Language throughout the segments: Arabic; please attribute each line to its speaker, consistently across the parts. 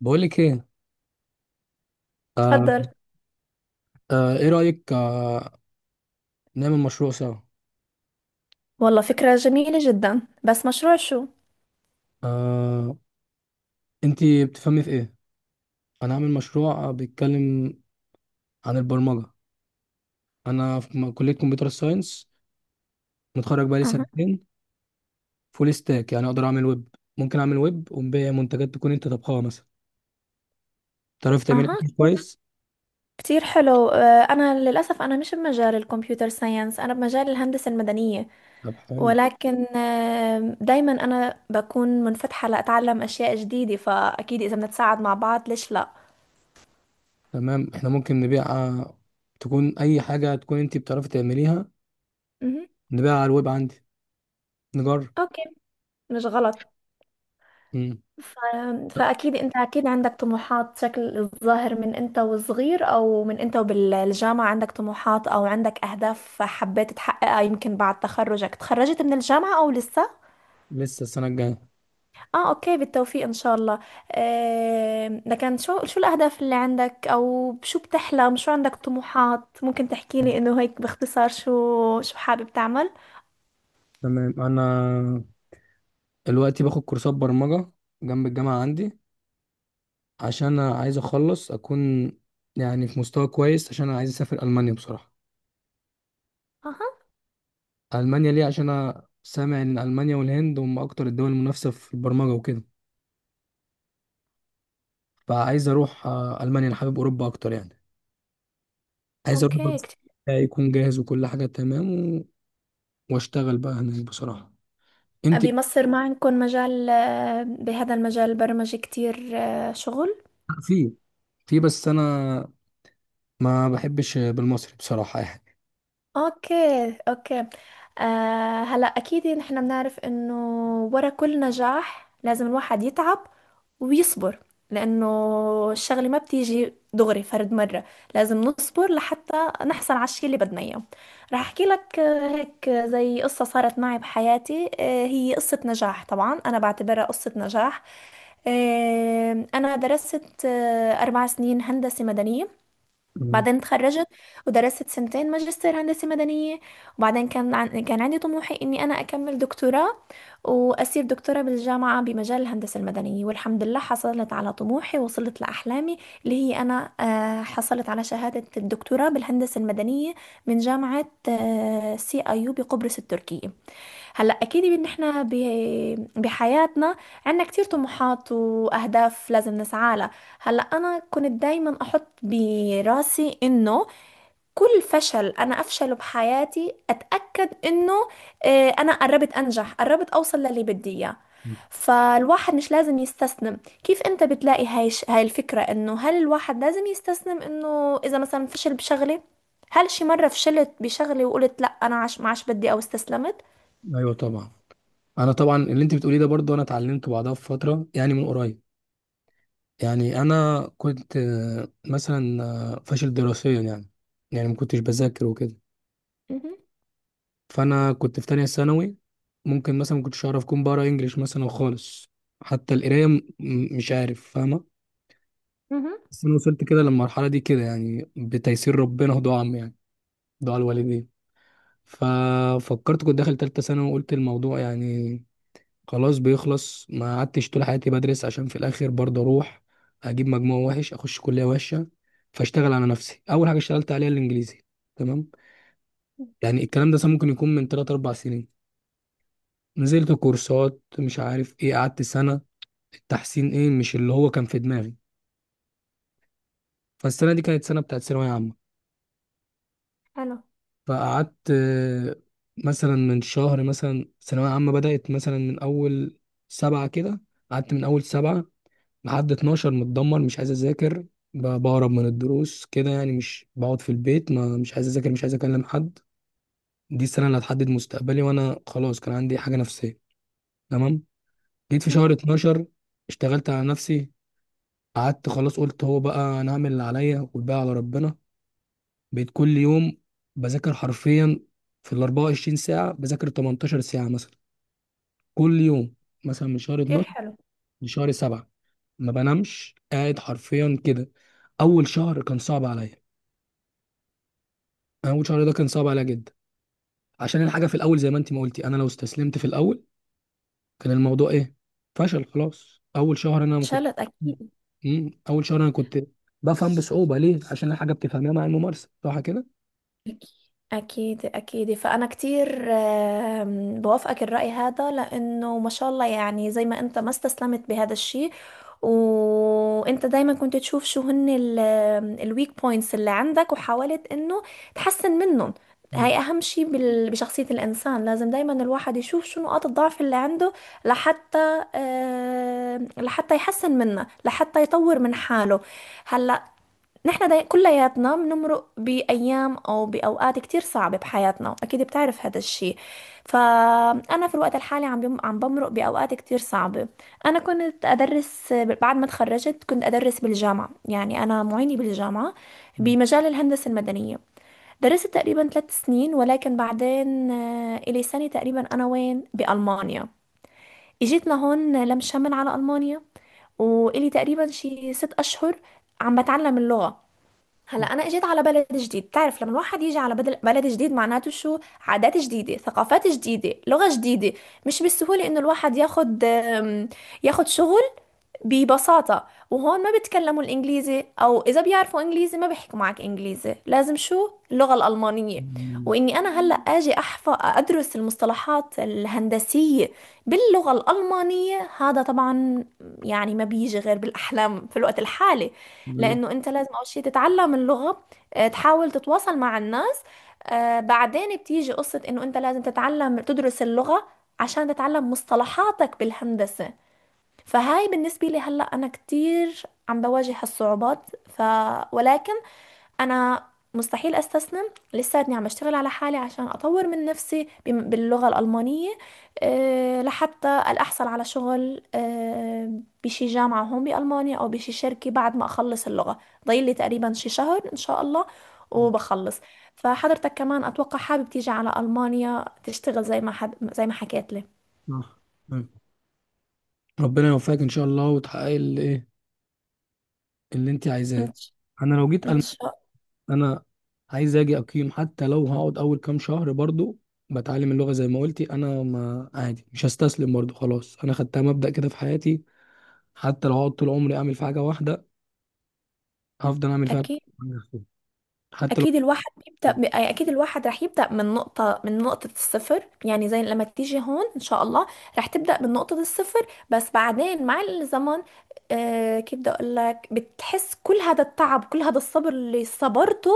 Speaker 1: بقولك ايه. آه.
Speaker 2: تفضل.
Speaker 1: ايه رأيك، نعمل مشروع سوا.
Speaker 2: والله فكرة جميلة جدا، بس مشروع شو؟
Speaker 1: آه، انتي بتفهمي في ايه؟ انا عامل مشروع، بيتكلم عن البرمجة. انا في كلية كمبيوتر ساينس، متخرج بقالي
Speaker 2: أها.
Speaker 1: سنتين. فول ستاك، يعني اقدر اعمل ويب. ممكن اعمل ويب ونبيع منتجات تكون انت طبخها مثلا، تعرف تعمل
Speaker 2: أها.
Speaker 1: اكل كويس.
Speaker 2: كتير حلو، أنا للأسف أنا مش بمجال الكمبيوتر ساينس، أنا بمجال الهندسة المدنية.
Speaker 1: طب حلو.
Speaker 2: ولكن دايما أنا بكون منفتحة لأتعلم أشياء جديدة، فأكيد إذا بنتساعد مع بعض ليش لا؟
Speaker 1: تمام، احنا ممكن نبيع، تكون اي حاجة تكون انتي بتعرفي تعمليها،
Speaker 2: مهم.
Speaker 1: نبيعها على الويب عندي، نجرب.
Speaker 2: أوكي. مش غلط.
Speaker 1: مم.
Speaker 2: ف- فأكيد أنت أكيد عندك طموحات، شكل الظاهر من أنت وصغير أو من أنت وبالجامعة عندك طموحات أو عندك أهداف حبيت تحققها. يمكن بعد تخرجك تخرجت من الجامعة أو لسه؟
Speaker 1: لسه السنة الجاية.
Speaker 2: آه، أوكي. بالتوفيق إن شاء الله. لكن شو الأهداف اللي عندك، أو شو بتحلم، شو عندك طموحات، ممكن تحكي لي إنه هيك باختصار شو حابب تعمل؟
Speaker 1: تمام، انا دلوقتي باخد كورسات برمجة جنب الجامعة، عندي عشان أنا عايز أخلص أكون يعني في مستوى كويس، عشان أنا عايز أسافر ألمانيا بصراحة.
Speaker 2: أها.
Speaker 1: ألمانيا ليه؟ عشان أنا سامع إن ألمانيا والهند هم أكتر الدول المنافسة في البرمجة وكده. فعايز أروح، ألمانيا. أنا حابب أوروبا أكتر يعني. عايز أروح،
Speaker 2: أوكي.
Speaker 1: بس
Speaker 2: كتير.
Speaker 1: يكون جاهز وكل حاجة تمام، و... وأشتغل بقى هناك بصراحة. أنت.
Speaker 2: بمصر ما عندكم مجال بهذا المجال البرمجي كتير شغل؟
Speaker 1: في في بس أنا ما بحبش بالمصري بصراحة يعني.
Speaker 2: اوكي، اوكي. هلا اكيد نحن بنعرف انه ورا كل نجاح لازم الواحد يتعب ويصبر، لانه الشغله ما بتيجي دغري فرد مره. لازم نصبر لحتى نحصل على الشيء اللي بدنا اياه. راح احكي لك هيك زي قصه صارت معي بحياتي، هي قصه نجاح، طبعا انا بعتبرها قصه نجاح. انا درست 4 سنين هندسه مدنيه.
Speaker 1: أمم.
Speaker 2: بعدين اتخرجت ودرست سنتين ماجستير هندسة مدنية. وبعدين كان عندي طموحي إني أنا أكمل دكتوراه وأصير دكتورة بالجامعة بمجال الهندسة المدنية. والحمد لله حصلت على طموحي ووصلت لأحلامي، اللي هي أنا حصلت على شهادة الدكتوراه بالهندسة المدنية من جامعة سي أيو بقبرص التركية. هلا اكيد ان احنا بحياتنا عنا كتير طموحات واهداف لازم نسعى لها. هلا انا كنت دايما احط براسي انه كل فشل انا افشله بحياتي اتاكد انه انا قربت انجح، قربت اوصل للي بدي اياه. فالواحد مش لازم يستسلم. كيف انت بتلاقي هاي الفكرة، انه هل الواحد لازم يستسلم انه اذا مثلا فشل بشغلة؟ هل شي مرة فشلت بشغلة وقلت لا، انا عش ما عادش بدي او استسلمت؟
Speaker 1: أيوه طبعا. انا طبعا اللي انت بتقوليه ده، برضو انا اتعلمت بعدها في فتره يعني، من قريب. يعني انا كنت، مثلا فاشل دراسيا يعني، يعني ما كنتش بذاكر وكده. فانا كنت في تانية ثانوي. ممكن مثلا ما كنتش اعرف اكون بقرا انجليش مثلا خالص، حتى القرايه مش عارف فاهمه.
Speaker 2: مهم.
Speaker 1: بس انا وصلت كده للمرحله دي كده يعني بتيسير ربنا ودعاء عم يعني، دعاء الوالدين. ففكرت، كنت داخل تالتة ثانوي وقلت الموضوع يعني خلاص بيخلص، ما قعدتش طول حياتي بدرس عشان في الاخر برضه اروح اجيب مجموع وحش، اخش كليه وحشه. فاشتغل على نفسي، اول حاجه اشتغلت عليها الانجليزي. تمام. يعني الكلام ده مثلا ممكن يكون من 3 4 سنين، نزلت كورسات مش عارف ايه، قعدت سنه. التحسين ايه، مش اللي هو كان في دماغي. فالسنه دي كانت سنه بتاعت ثانويه عامه.
Speaker 2: حلو.
Speaker 1: فقعدت، مثلا من شهر، مثلا ثانويه عامه بدات مثلا من اول 7 كده، قعدت من اول 7 لحد 12، متدمر مش عايز اذاكر، بهرب من الدروس كده يعني، مش بقعد في البيت، ما مش عايز اذاكر مش عايز اكلم حد. دي السنه اللي هتحدد مستقبلي، وانا خلاص كان عندي حاجه نفسيه. تمام. جيت في شهر
Speaker 2: مهم.
Speaker 1: 12، اشتغلت على نفسي. قعدت خلاص، قلت هو بقى انا هعمل اللي عليا والباقي على ربنا. بقيت كل يوم بذاكر حرفيا في ال 24 ساعه بذاكر 18 ساعه مثلا، كل يوم، مثلا من شهر
Speaker 2: كتير
Speaker 1: 12
Speaker 2: حلو.
Speaker 1: لشهر 7، ما بنامش، قاعد حرفيا كده. اول شهر كان صعب عليا. انا اول شهر ده كان صعب عليا جدا، عشان الحاجه في الاول، زي ما انت ما قلتي، انا لو استسلمت في الاول كان الموضوع ايه؟ فشل. خلاص، اول شهر انا ما كنت.
Speaker 2: اتشالت اكيد.
Speaker 1: مم. اول شهر انا كنت بفهم بصعوبه، ليه؟ عشان الحاجه بتفهمها مع الممارسه، صح كده.
Speaker 2: اكيد، اكيد. فانا كتير بوافقك الراي هذا لانه ما شاء الله، يعني زي ما انت ما استسلمت بهذا الشيء وانت دايما كنت تشوف شو هن الويك بوينتس اللي عندك، وحاولت انه تحسن منهم.
Speaker 1: مم.
Speaker 2: هاي اهم شيء بشخصية الانسان، لازم دايما الواحد يشوف شو نقاط الضعف اللي عنده لحتى لحتى يحسن منها لحتى يطور من حاله. هلا كلياتنا بنمرق بأيام أو بأوقات كتير صعبة بحياتنا، أكيد بتعرف هذا الشي. فأنا في الوقت الحالي عم بمرق بأوقات كتير صعبة. أنا كنت أدرس بعد ما تخرجت، كنت أدرس بالجامعة، يعني أنا معينة بالجامعة
Speaker 1: مم.
Speaker 2: بمجال الهندسة المدنية. درست تقريبا 3 سنين، ولكن بعدين إلي سنة تقريبا أنا وين بألمانيا، إجيت لهون لم شمل على ألمانيا، وإلي تقريبا شي 6 أشهر عم بتعلم اللغة. هلا انا اجيت على بلد جديد، تعرف لما الواحد يجي على بلد جديد معناته شو، عادات جديده، ثقافات جديده، لغه جديده. مش بالسهوله انه الواحد ياخد ياخد شغل ببساطة. وهون ما بيتكلموا الإنجليزي، أو إذا بيعرفوا إنجليزي ما بيحكوا معك إنجليزي، لازم شو، اللغة الألمانية. وإني أنا هلأ أجي أحفظ أدرس المصطلحات الهندسية باللغة الألمانية، هذا طبعا يعني ما بيجي غير بالأحلام في الوقت الحالي.
Speaker 1: مم.
Speaker 2: لأنه أنت لازم أول شيء تتعلم اللغة، تحاول تتواصل مع الناس، بعدين بتيجي قصة إنه أنت لازم تتعلم تدرس اللغة عشان تتعلم مصطلحاتك بالهندسة. فهاي بالنسبة لي هلأ أنا كتير عم بواجه هالصعوبات. ف... ولكن أنا مستحيل أستسلم. لساتني عم بشتغل على حالي عشان أطور من نفسي باللغة الألمانية. أه، لحتى أحصل على شغل أه بشي جامعة هون بألمانيا أو بشي شركة بعد ما أخلص اللغة. ضايل لي تقريبا شي شهر إن شاء الله
Speaker 1: مم.
Speaker 2: وبخلص. فحضرتك كمان أتوقع حابب تيجي على ألمانيا تشتغل زي ما حكيت لي.
Speaker 1: صح. مم. ربنا يوفقك ان شاء الله وتحققي اللي ايه، اللي انت
Speaker 2: إن
Speaker 1: عايزاه.
Speaker 2: ش-
Speaker 1: انا لو جيت.
Speaker 2: إن شاء.
Speaker 1: انا عايز اجي اقيم، حتى لو هقعد اول كام شهر برضو بتعلم اللغه زي ما قلتي. انا ما عادي، مش هستسلم برضو، خلاص انا خدتها مبدأ كده في حياتي. حتى لو هقعد طول عمري اعمل في حاجه واحده، هفضل اعمل فيها.
Speaker 2: أكيد.
Speaker 1: حتى لو.
Speaker 2: اكيد، اكيد الواحد راح يبدا من نقطه الصفر، يعني زي لما تيجي هون ان شاء الله راح تبدا من نقطه الصفر. بس بعدين مع الزمن كيف بدي اقول لك، بتحس كل هذا التعب كل هذا الصبر اللي صبرته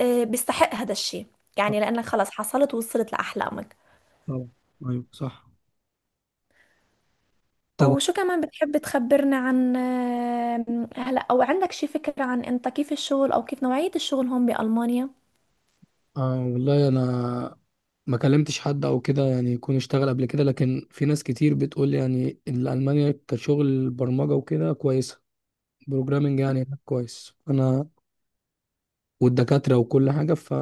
Speaker 2: بيستحق هذا الشيء، يعني لانك خلص حصلت ووصلت لاحلامك.
Speaker 1: طبعا. ايوه صح. طب.
Speaker 2: وشو كمان بتحب تخبرنا عن آه، هلا، او عندك شي فكره عن انت كيف الشغل او كيف نوعيه الشغل هون بالمانيا؟
Speaker 1: والله انا ما كلمتش حد او كده يعني يكون اشتغل قبل كده، لكن في ناس كتير بتقول لي يعني ان المانيا كشغل برمجه وكده كويسه. بروجرامنج يعني هناك كويس، انا، والدكاترة وكل حاجة ف.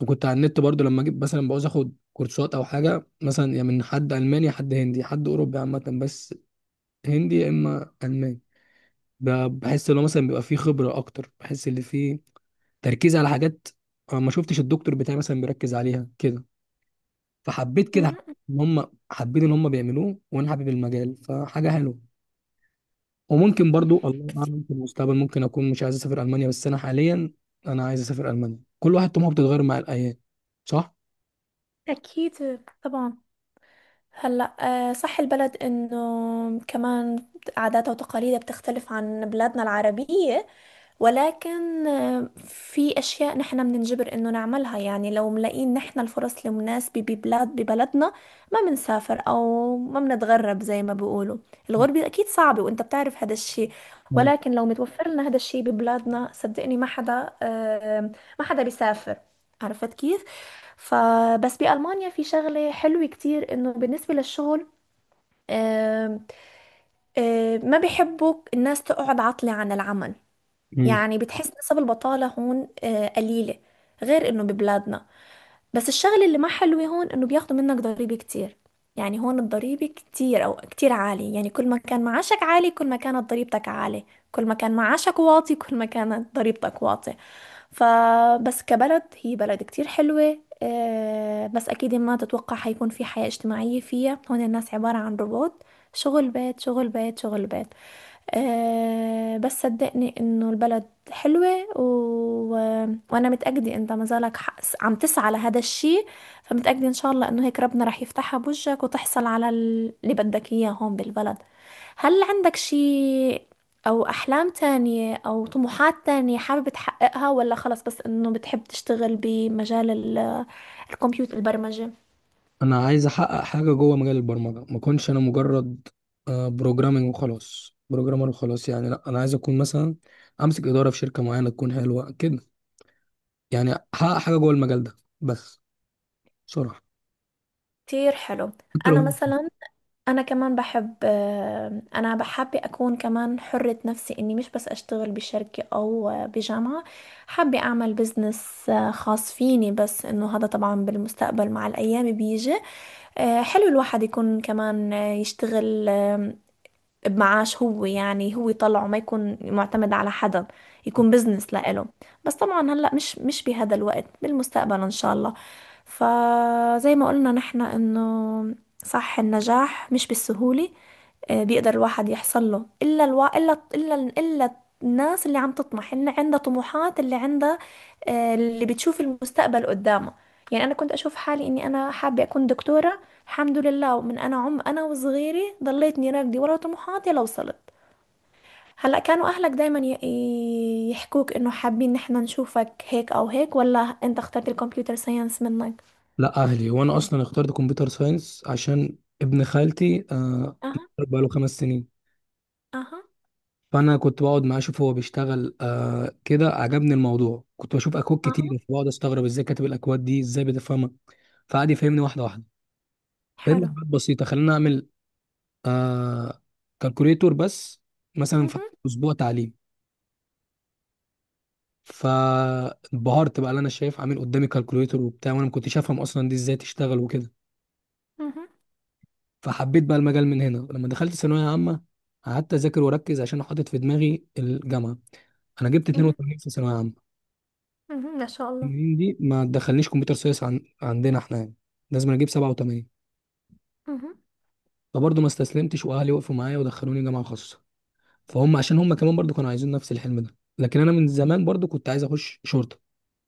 Speaker 1: وكنت على النت برضو لما جيت مثلا بعوز اخد كورسات او حاجة مثلا، يا من حد ألماني يا حد هندي، حد أوروبي عامة، بس هندي يا إما ألماني. ب- بحس إن هو مثلا بيبقى فيه خبرة أكتر، بحس إن فيه تركيز على حاجات أنا ما شفتش الدكتور بتاعي مثلا بيركز عليها كده، فحبيت كده
Speaker 2: مهم.
Speaker 1: إن هم حابين إن هم بيعملوه، وأنا حابب المجال، فحاجة حلوة. وممكن برضو الله
Speaker 2: كتير.
Speaker 1: أعلم في المستقبل ممكن أكون مش عايز أسافر ألمانيا، بس أنا حاليا أنا عايز أسافر ألمانيا. كل واحد طموحه بتتغير مع الأيام، صح؟
Speaker 2: أكيد طبعا. هلا صح البلد انه كمان عاداتها وتقاليدها بتختلف عن بلادنا العربية، ولكن في أشياء نحن بننجبر إنه نعملها، يعني لو ملاقيين نحن الفرص المناسبة ببلدنا ما بنسافر أو ما بنتغرب زي ما بيقولوا.
Speaker 1: مم.
Speaker 2: الغربة أكيد صعبة وأنت بتعرف هذا الشيء. ولكن لو متوفر لنا هذا الشيء ببلادنا، صدقني ما حدا ما حدا بيسافر، عرفت كيف؟ فبس بألمانيا في شغلة حلوة كتير إنه بالنسبة للشغل، آه، ما بيحبوا الناس تقعد عاطلة عن العمل.
Speaker 1: مم.
Speaker 2: يعني بتحس نسب البطالة هون قليلة غير انه ببلادنا. بس الشغل اللي ما حلو هون انه بياخدوا منك ضريبة كتير، يعني هون الضريبة كتير او كتير عالية، يعني كل ما كان معاشك عالي كل ما كانت ضريبتك عالية، كل ما كان معاشك واطي كل ما كانت ضريبتك واطية. فبس كبلد هي بلد كتير حلوة بس أكيد ما تتوقع حيكون في حياة اجتماعية فيها، هون الناس عبارة عن روبوت، شغل بيت شغل بيت شغل بيت. بس صدقني إنه البلد حلوة وأنا متأكدة أنت ما زالك عم تسعى لهذا الشيء. فمتأكدة إن شاء الله إنه هيك ربنا رح يفتحها بوجهك، وتحصل على اللي بدك إياه هون بالبلد. هل عندك شيء أو أحلام تانية أو طموحات تانية حابب تحققها، ولا خلص بس إنه بتحب تشتغل بمجال الكمبيوتر، البرمجة؟
Speaker 1: انا عايز احقق حاجه جوه مجال البرمجه، ما اكونش انا مجرد بروجرامنج وخلاص، بروجرامر وخلاص يعني. لا، انا عايز اكون مثلا امسك اداره في شركه معينه تكون حلوه كده يعني، احقق حاجه جوه المجال ده بس، بصراحه.
Speaker 2: كتير حلو.
Speaker 1: حتى
Speaker 2: أنا
Speaker 1: لو.
Speaker 2: مثلا انا كمان بحب انا بحب اكون كمان حرة نفسي اني مش بس اشتغل بشركة او بجامعة. حابة اعمل بزنس خاص فيني، بس انه هذا طبعا بالمستقبل مع الايام بيجي. حلو الواحد يكون كمان يشتغل بمعاش هو، يعني هو يطلعه ما يكون معتمد على حدا، يكون بزنس لإله. بس طبعا هلا مش بهذا الوقت، بالمستقبل ان شاء الله. فزي ما قلنا نحن انه صح النجاح مش بالسهولة، بيقدر الواحد يحصل له الا الوا... الا الا الا الناس اللي عم تطمح، اللي عندها طموحات، اللي عندها اللي بتشوف المستقبل قدامها. يعني انا كنت اشوف حالي اني انا حابة اكون دكتورة، الحمد لله. ومن انا عم انا وصغيري ضليتني راكدي ورا طموحاتي لوصلت. هلا كانوا اهلك دايما يحكوك انه حابين ان احنا نشوفك هيك او هيك، ولا انت اخترت الكمبيوتر ساينس منك؟
Speaker 1: لا، اهلي وانا اصلا اخترت كمبيوتر ساينس عشان ابن خالتي،
Speaker 2: اها.
Speaker 1: بقاله 5 سنين.
Speaker 2: اها.
Speaker 1: فانا كنت بقعد معاه اشوف هو بيشتغل، كده عجبني الموضوع. كنت بشوف اكواد
Speaker 2: اها.
Speaker 1: كتير، بقعد استغرب ازاي كاتب الاكواد دي، ازاي بتفهمها. فقعد يفهمني واحده واحده. فهمنا
Speaker 2: حلو.
Speaker 1: حاجات بسيطة، خلينا أعمل، آه كالكوليتور بس مثلا في
Speaker 2: مهم،
Speaker 1: أسبوع تعليم. فانبهرت بقى اللي أنا شايف عامل قدامي كالكوليتور وبتاع، وأنا ما كنتش أفهم أصلا دي إزاي تشتغل وكده.
Speaker 2: مهم،
Speaker 1: فحبيت بقى المجال من هنا، لما دخلت ثانوية عامة قعدت أذاكر وأركز عشان حاطط في دماغي الجامعة. أنا جبت
Speaker 2: مهم،
Speaker 1: 82 في ثانوية عامة.
Speaker 2: مهم، ما شاء الله.
Speaker 1: 82 دي ما تدخلنيش كمبيوتر ساينس، عندنا إحنا يعني لازم أنا أجيب 87.
Speaker 2: مهم.
Speaker 1: فبرضه ما استسلمتش، وأهلي وقفوا معايا ودخلوني جامعة خاصة، فهم عشان هم كمان برضو كانوا عايزين نفس الحلم ده. لكن انا من زمان برضو كنت عايز اخش شرطه.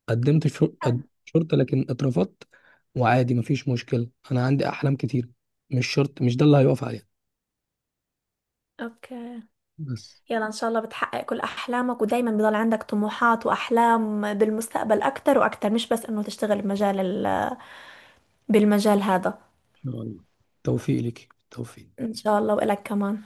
Speaker 1: قدمت
Speaker 2: حلو.
Speaker 1: شرطه لكن اترفضت. وعادي، مفيش مشكله، انا عندي احلام كتير، مش شرط مش ده اللي هيقف عليها
Speaker 2: اوكي.
Speaker 1: بس.
Speaker 2: يلا ان شاء الله بتحقق كل احلامك، ودايما بضل عندك طموحات واحلام بالمستقبل اكتر واكتر، مش بس انه تشتغل بمجال بالمجال هذا.
Speaker 1: ان شاء الله توفيق ليك، توفيق.
Speaker 2: ان شاء الله والك كمان.